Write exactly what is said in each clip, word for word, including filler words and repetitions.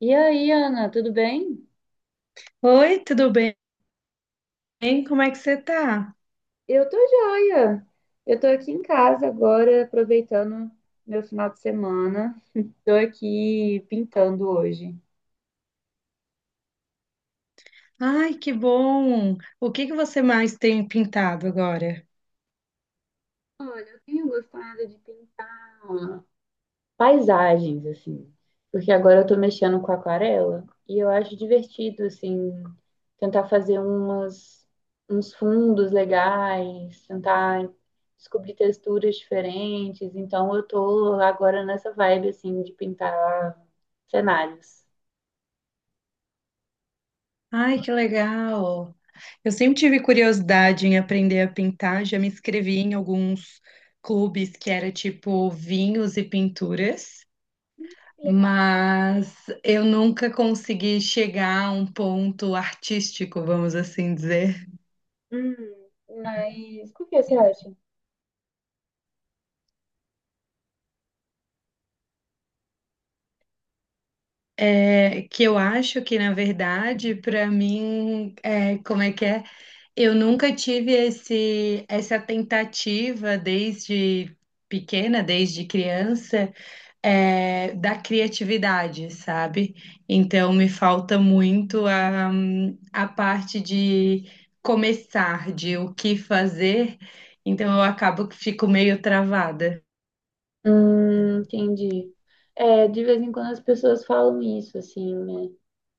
E aí, Ana, tudo bem? Oi, tudo bem? Como é que você tá? Eu tô joia. Eu tô aqui em casa agora, aproveitando meu final de semana. Tô aqui pintando hoje. Ai, que bom! O que que você mais tem pintado agora? Olha, eu tenho gostado de pintar paisagens, assim. Porque agora eu tô mexendo com aquarela e eu acho divertido, assim, tentar fazer umas, uns fundos legais, tentar descobrir texturas diferentes. Então eu tô agora nessa vibe, assim, de pintar cenários. Ai, que legal! Eu sempre tive curiosidade em aprender a pintar, já me inscrevi em alguns clubes que era tipo vinhos e pinturas, Que legal. mas eu nunca consegui chegar a um ponto artístico, vamos assim dizer. Hum, mas por que você acha? é, que eu acho que, na verdade, para mim, é, como é que é? Eu nunca tive esse, essa tentativa desde pequena, desde criança, é, da criatividade, sabe? Então, me falta muito a, a parte de começar, de o que fazer. Então, eu acabo que fico meio travada. Hum, entendi. É, de vez em quando as pessoas falam isso, assim, né?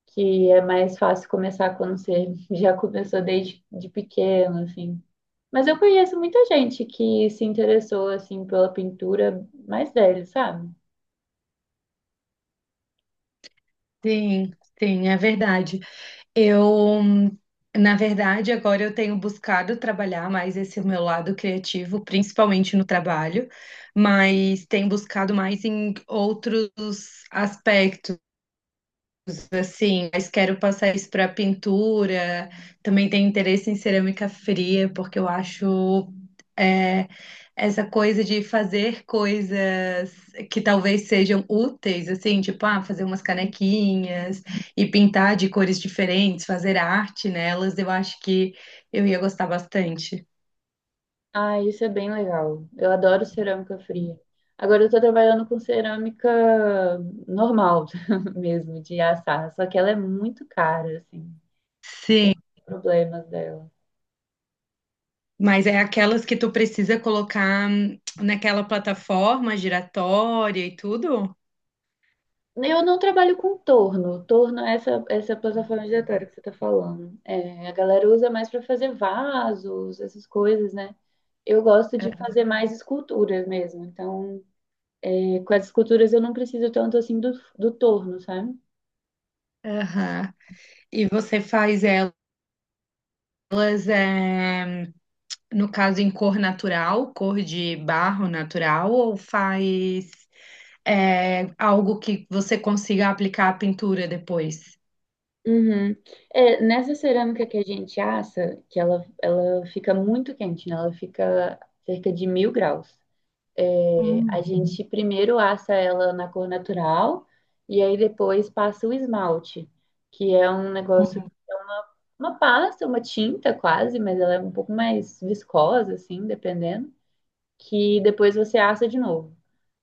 Que é mais fácil começar quando você já começou desde de pequeno, assim. Mas eu conheço muita gente que se interessou, assim, pela pintura mais velha, sabe? Sim, sim, é verdade. Eu, na verdade, agora eu tenho buscado trabalhar mais esse meu lado criativo, principalmente no trabalho, mas tenho buscado mais em outros aspectos assim, mas quero passar isso para pintura. Também tenho interesse em cerâmica fria, porque eu acho é, essa coisa de fazer coisas que talvez sejam úteis, assim, tipo, ah, fazer umas canequinhas e pintar de cores diferentes, fazer arte nelas, eu acho que eu ia gostar bastante. Ah, isso é bem legal. Eu adoro cerâmica fria. Agora eu tô trabalhando com cerâmica normal mesmo, de assar, só que ela é muito cara, assim. Sim, Então, tem problemas dela. mas é aquelas que tu precisa colocar hum, naquela plataforma giratória e tudo? Eu não trabalho com torno. Torno é essa, essa plataforma giratória que você está falando. É, a galera usa mais para fazer vasos, essas coisas, né? Eu gosto de fazer mais esculturas mesmo. Então, é, com as esculturas eu não preciso tanto assim do, do torno, sabe? Aham. E você faz elas, é, no caso, em cor natural, cor de barro natural, ou faz é, algo que você consiga aplicar a pintura depois? Uhum. É, nessa cerâmica que a gente assa, que ela, ela fica muito quente, né? Ela fica cerca de mil graus. É, Hum. a gente primeiro assa ela na cor natural e aí depois passa o esmalte, que é um negócio, uma pasta, uma tinta quase, mas ela é um pouco mais viscosa, assim, dependendo, que depois você assa de novo.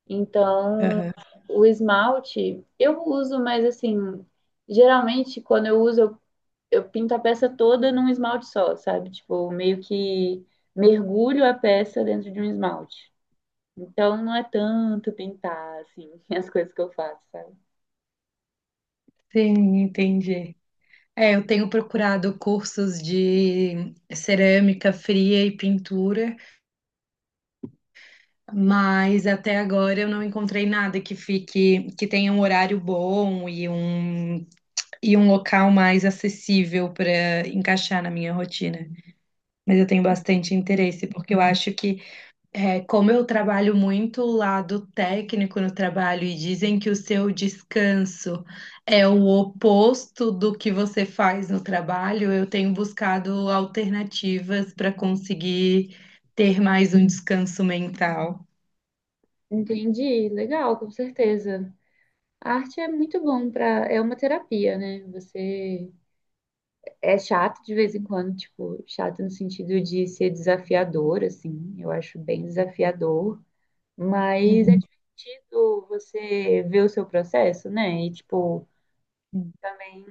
Então, Aham. o esmalte eu uso, mas assim, geralmente quando eu uso, eu, eu pinto a peça toda num esmalte só, sabe? Tipo, meio que mergulho a peça dentro de um esmalte. Então não é tanto pintar, assim, as coisas que eu faço, sabe? Sim, entendi. É, eu tenho procurado cursos de cerâmica fria e pintura, mas até agora eu não encontrei nada que fique, que tenha um horário bom e um, e um local mais acessível para encaixar na minha rotina. Mas eu tenho bastante interesse, porque eu acho que, é, como eu trabalho muito o lado técnico no trabalho, e dizem que o seu descanso é o oposto do que você faz no trabalho, eu tenho buscado alternativas para conseguir ter mais um descanso mental. Entendi, legal, com certeza. A arte é muito bom para, é uma terapia, né? Você é chato de vez em quando, tipo, chato no sentido de ser desafiador, assim. Eu acho bem desafiador, mas Uhum. é divertido você ver o seu processo, né? E tipo, também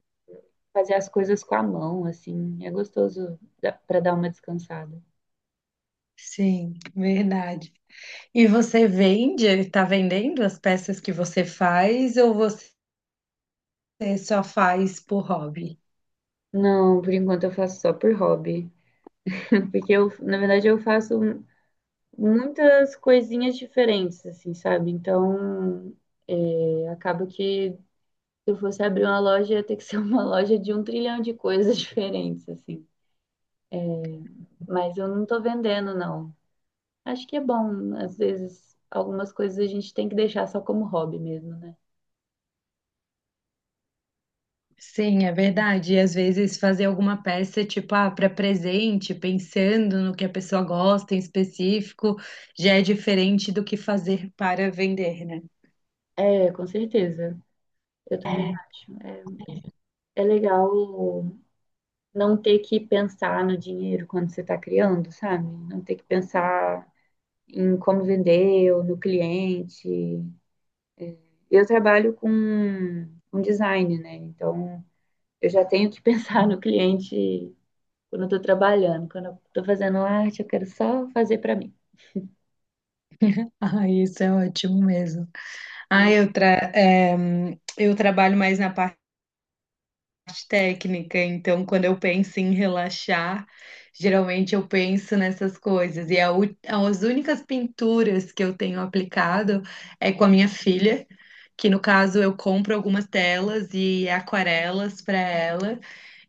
fazer as coisas com a mão, assim. É gostoso para dar uma descansada. Sim, verdade. E você vende, está vendendo as peças que você faz, ou você só faz por hobby? Não, por enquanto eu faço só por hobby. Porque eu, na verdade, eu faço muitas coisinhas diferentes, assim, sabe? Então, é, acaba que se eu fosse abrir uma loja, ia ter que ser uma loja de um trilhão de coisas diferentes, assim. Mas eu não tô vendendo, não. Acho que é bom, às vezes, algumas coisas a gente tem que deixar só como hobby mesmo, né? Sim, é verdade. E às vezes fazer alguma peça, tipo, ah, para presente, pensando no que a pessoa gosta em específico, já é diferente do que fazer para vender, né? É, com certeza. Eu também acho. É, é legal não ter que pensar no dinheiro quando você tá criando, sabe? Não ter que pensar em como vender ou no cliente. Eu trabalho com, com design, né? Então eu já tenho que pensar no cliente quando eu tô trabalhando, quando eu tô fazendo arte, eu quero só fazer para mim. Ah, isso é ótimo mesmo. Ah, eu, tra eh, eu trabalho mais na parte parte técnica, então quando eu penso em relaxar, geralmente eu penso nessas coisas. E a u- as únicas pinturas que eu tenho aplicado é com a minha filha, que no caso eu compro algumas telas e aquarelas para ela.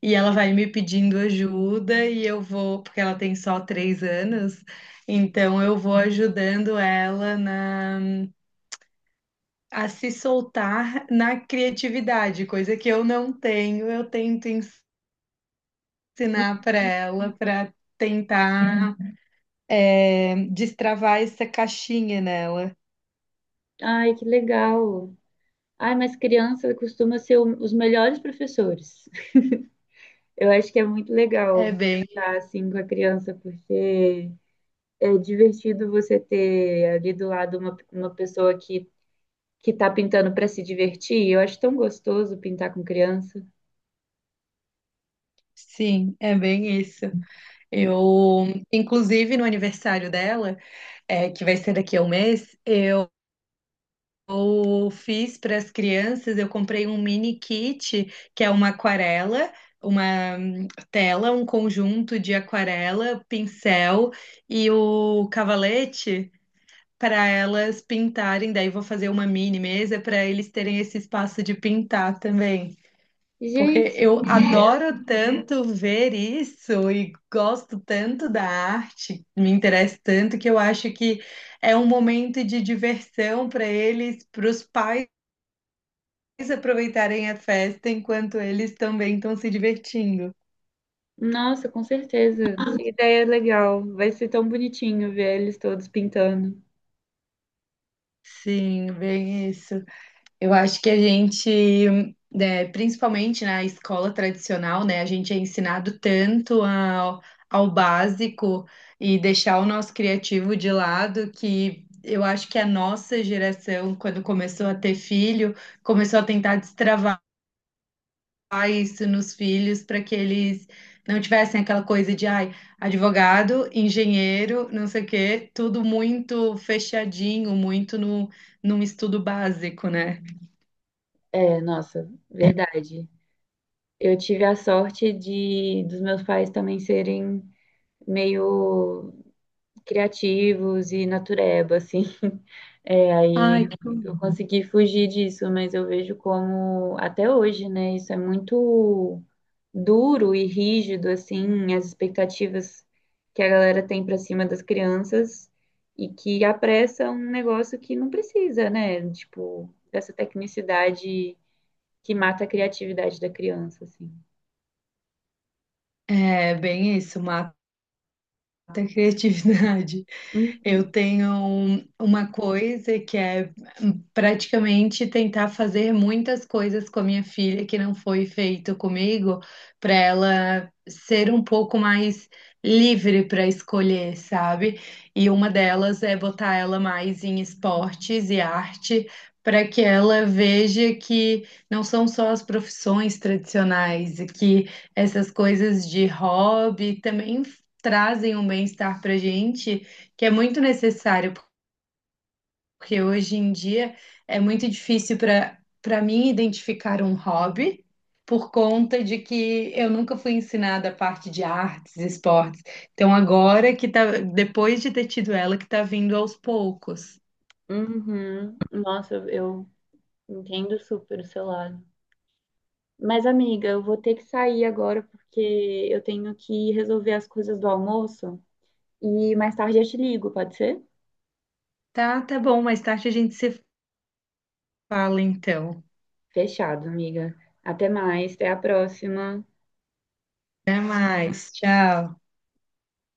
E ela vai me pedindo ajuda e eu vou, porque ela tem só três anos, então eu vou ajudando ela na, a se soltar na criatividade, coisa que eu não tenho, eu tento ensinar para ela, para tentar é, destravar essa caixinha nela. Ai, que legal. Ai, mas criança costuma ser o- os melhores professores. Eu acho que é muito É legal bem, estar assim com a criança, porque é divertido você ter ali do lado uma, uma pessoa que que tá pintando para se divertir. Eu acho tão gostoso pintar com criança. sim, é bem isso. Eu, inclusive, no aniversário dela, é, que vai ser daqui a um mês, eu fiz para as crianças, eu comprei um mini kit, que é uma aquarela, uma hum, tela, um conjunto de aquarela, pincel e o cavalete. Para elas pintarem. Daí vou fazer uma mini mesa para eles terem esse espaço de pintar também. Porque Gente, eu que ideia. adoro tanto ver isso e gosto tanto da arte, me interessa tanto que eu acho que é um momento de diversão para eles, para os pais aproveitarem a festa enquanto eles também estão se divertindo. Nossa, com certeza. Que ideia legal. Vai ser tão bonitinho ver eles todos pintando. Sim, bem isso. Eu acho que a gente, né, principalmente na escola tradicional, né, a gente é ensinado tanto ao, ao básico e deixar o nosso criativo de lado que eu acho que a nossa geração, quando começou a ter filho, começou a tentar destravar isso nos filhos para que eles não tivessem aquela coisa de, ai, advogado, engenheiro, não sei o quê, tudo muito fechadinho, muito no, num estudo básico, né? É, nossa, verdade. Eu tive a sorte de dos meus pais também serem meio criativos e natureba, assim. É, Ai, aí eu consegui fugir disso, mas eu vejo como até hoje, né? Isso é muito duro e rígido, assim, as expectativas que a galera tem para cima das crianças e que apressa um negócio que não precisa, né? Tipo, dessa tecnicidade que mata a criatividade da criança, assim. é bem isso, uma da criatividade. Uhum. Eu tenho um- uma coisa que é hum, praticamente tentar fazer muitas coisas com a minha filha que não foi feito comigo, para ela ser um pouco mais livre para escolher, sabe? E uma delas é botar ela mais em esportes e arte. Para que ela veja que não são só as profissões tradicionais, e que essas coisas de hobby também trazem um bem-estar para a gente que é muito necessário, porque hoje em dia é muito difícil para para mim identificar um hobby por conta de que eu nunca fui ensinada a parte de artes, esportes. Então agora que tá, depois de ter tido ela, que tá vindo aos poucos. Uhum. Nossa, eu eu entendo super o seu lado. Mas, amiga, eu vou ter que sair agora porque eu tenho que resolver as coisas do almoço e mais tarde eu te ligo, pode ser? Tá, tá bom, mais tarde a gente se fala então. Fechado, amiga. Até mais, até a próxima. Até mais, tchau.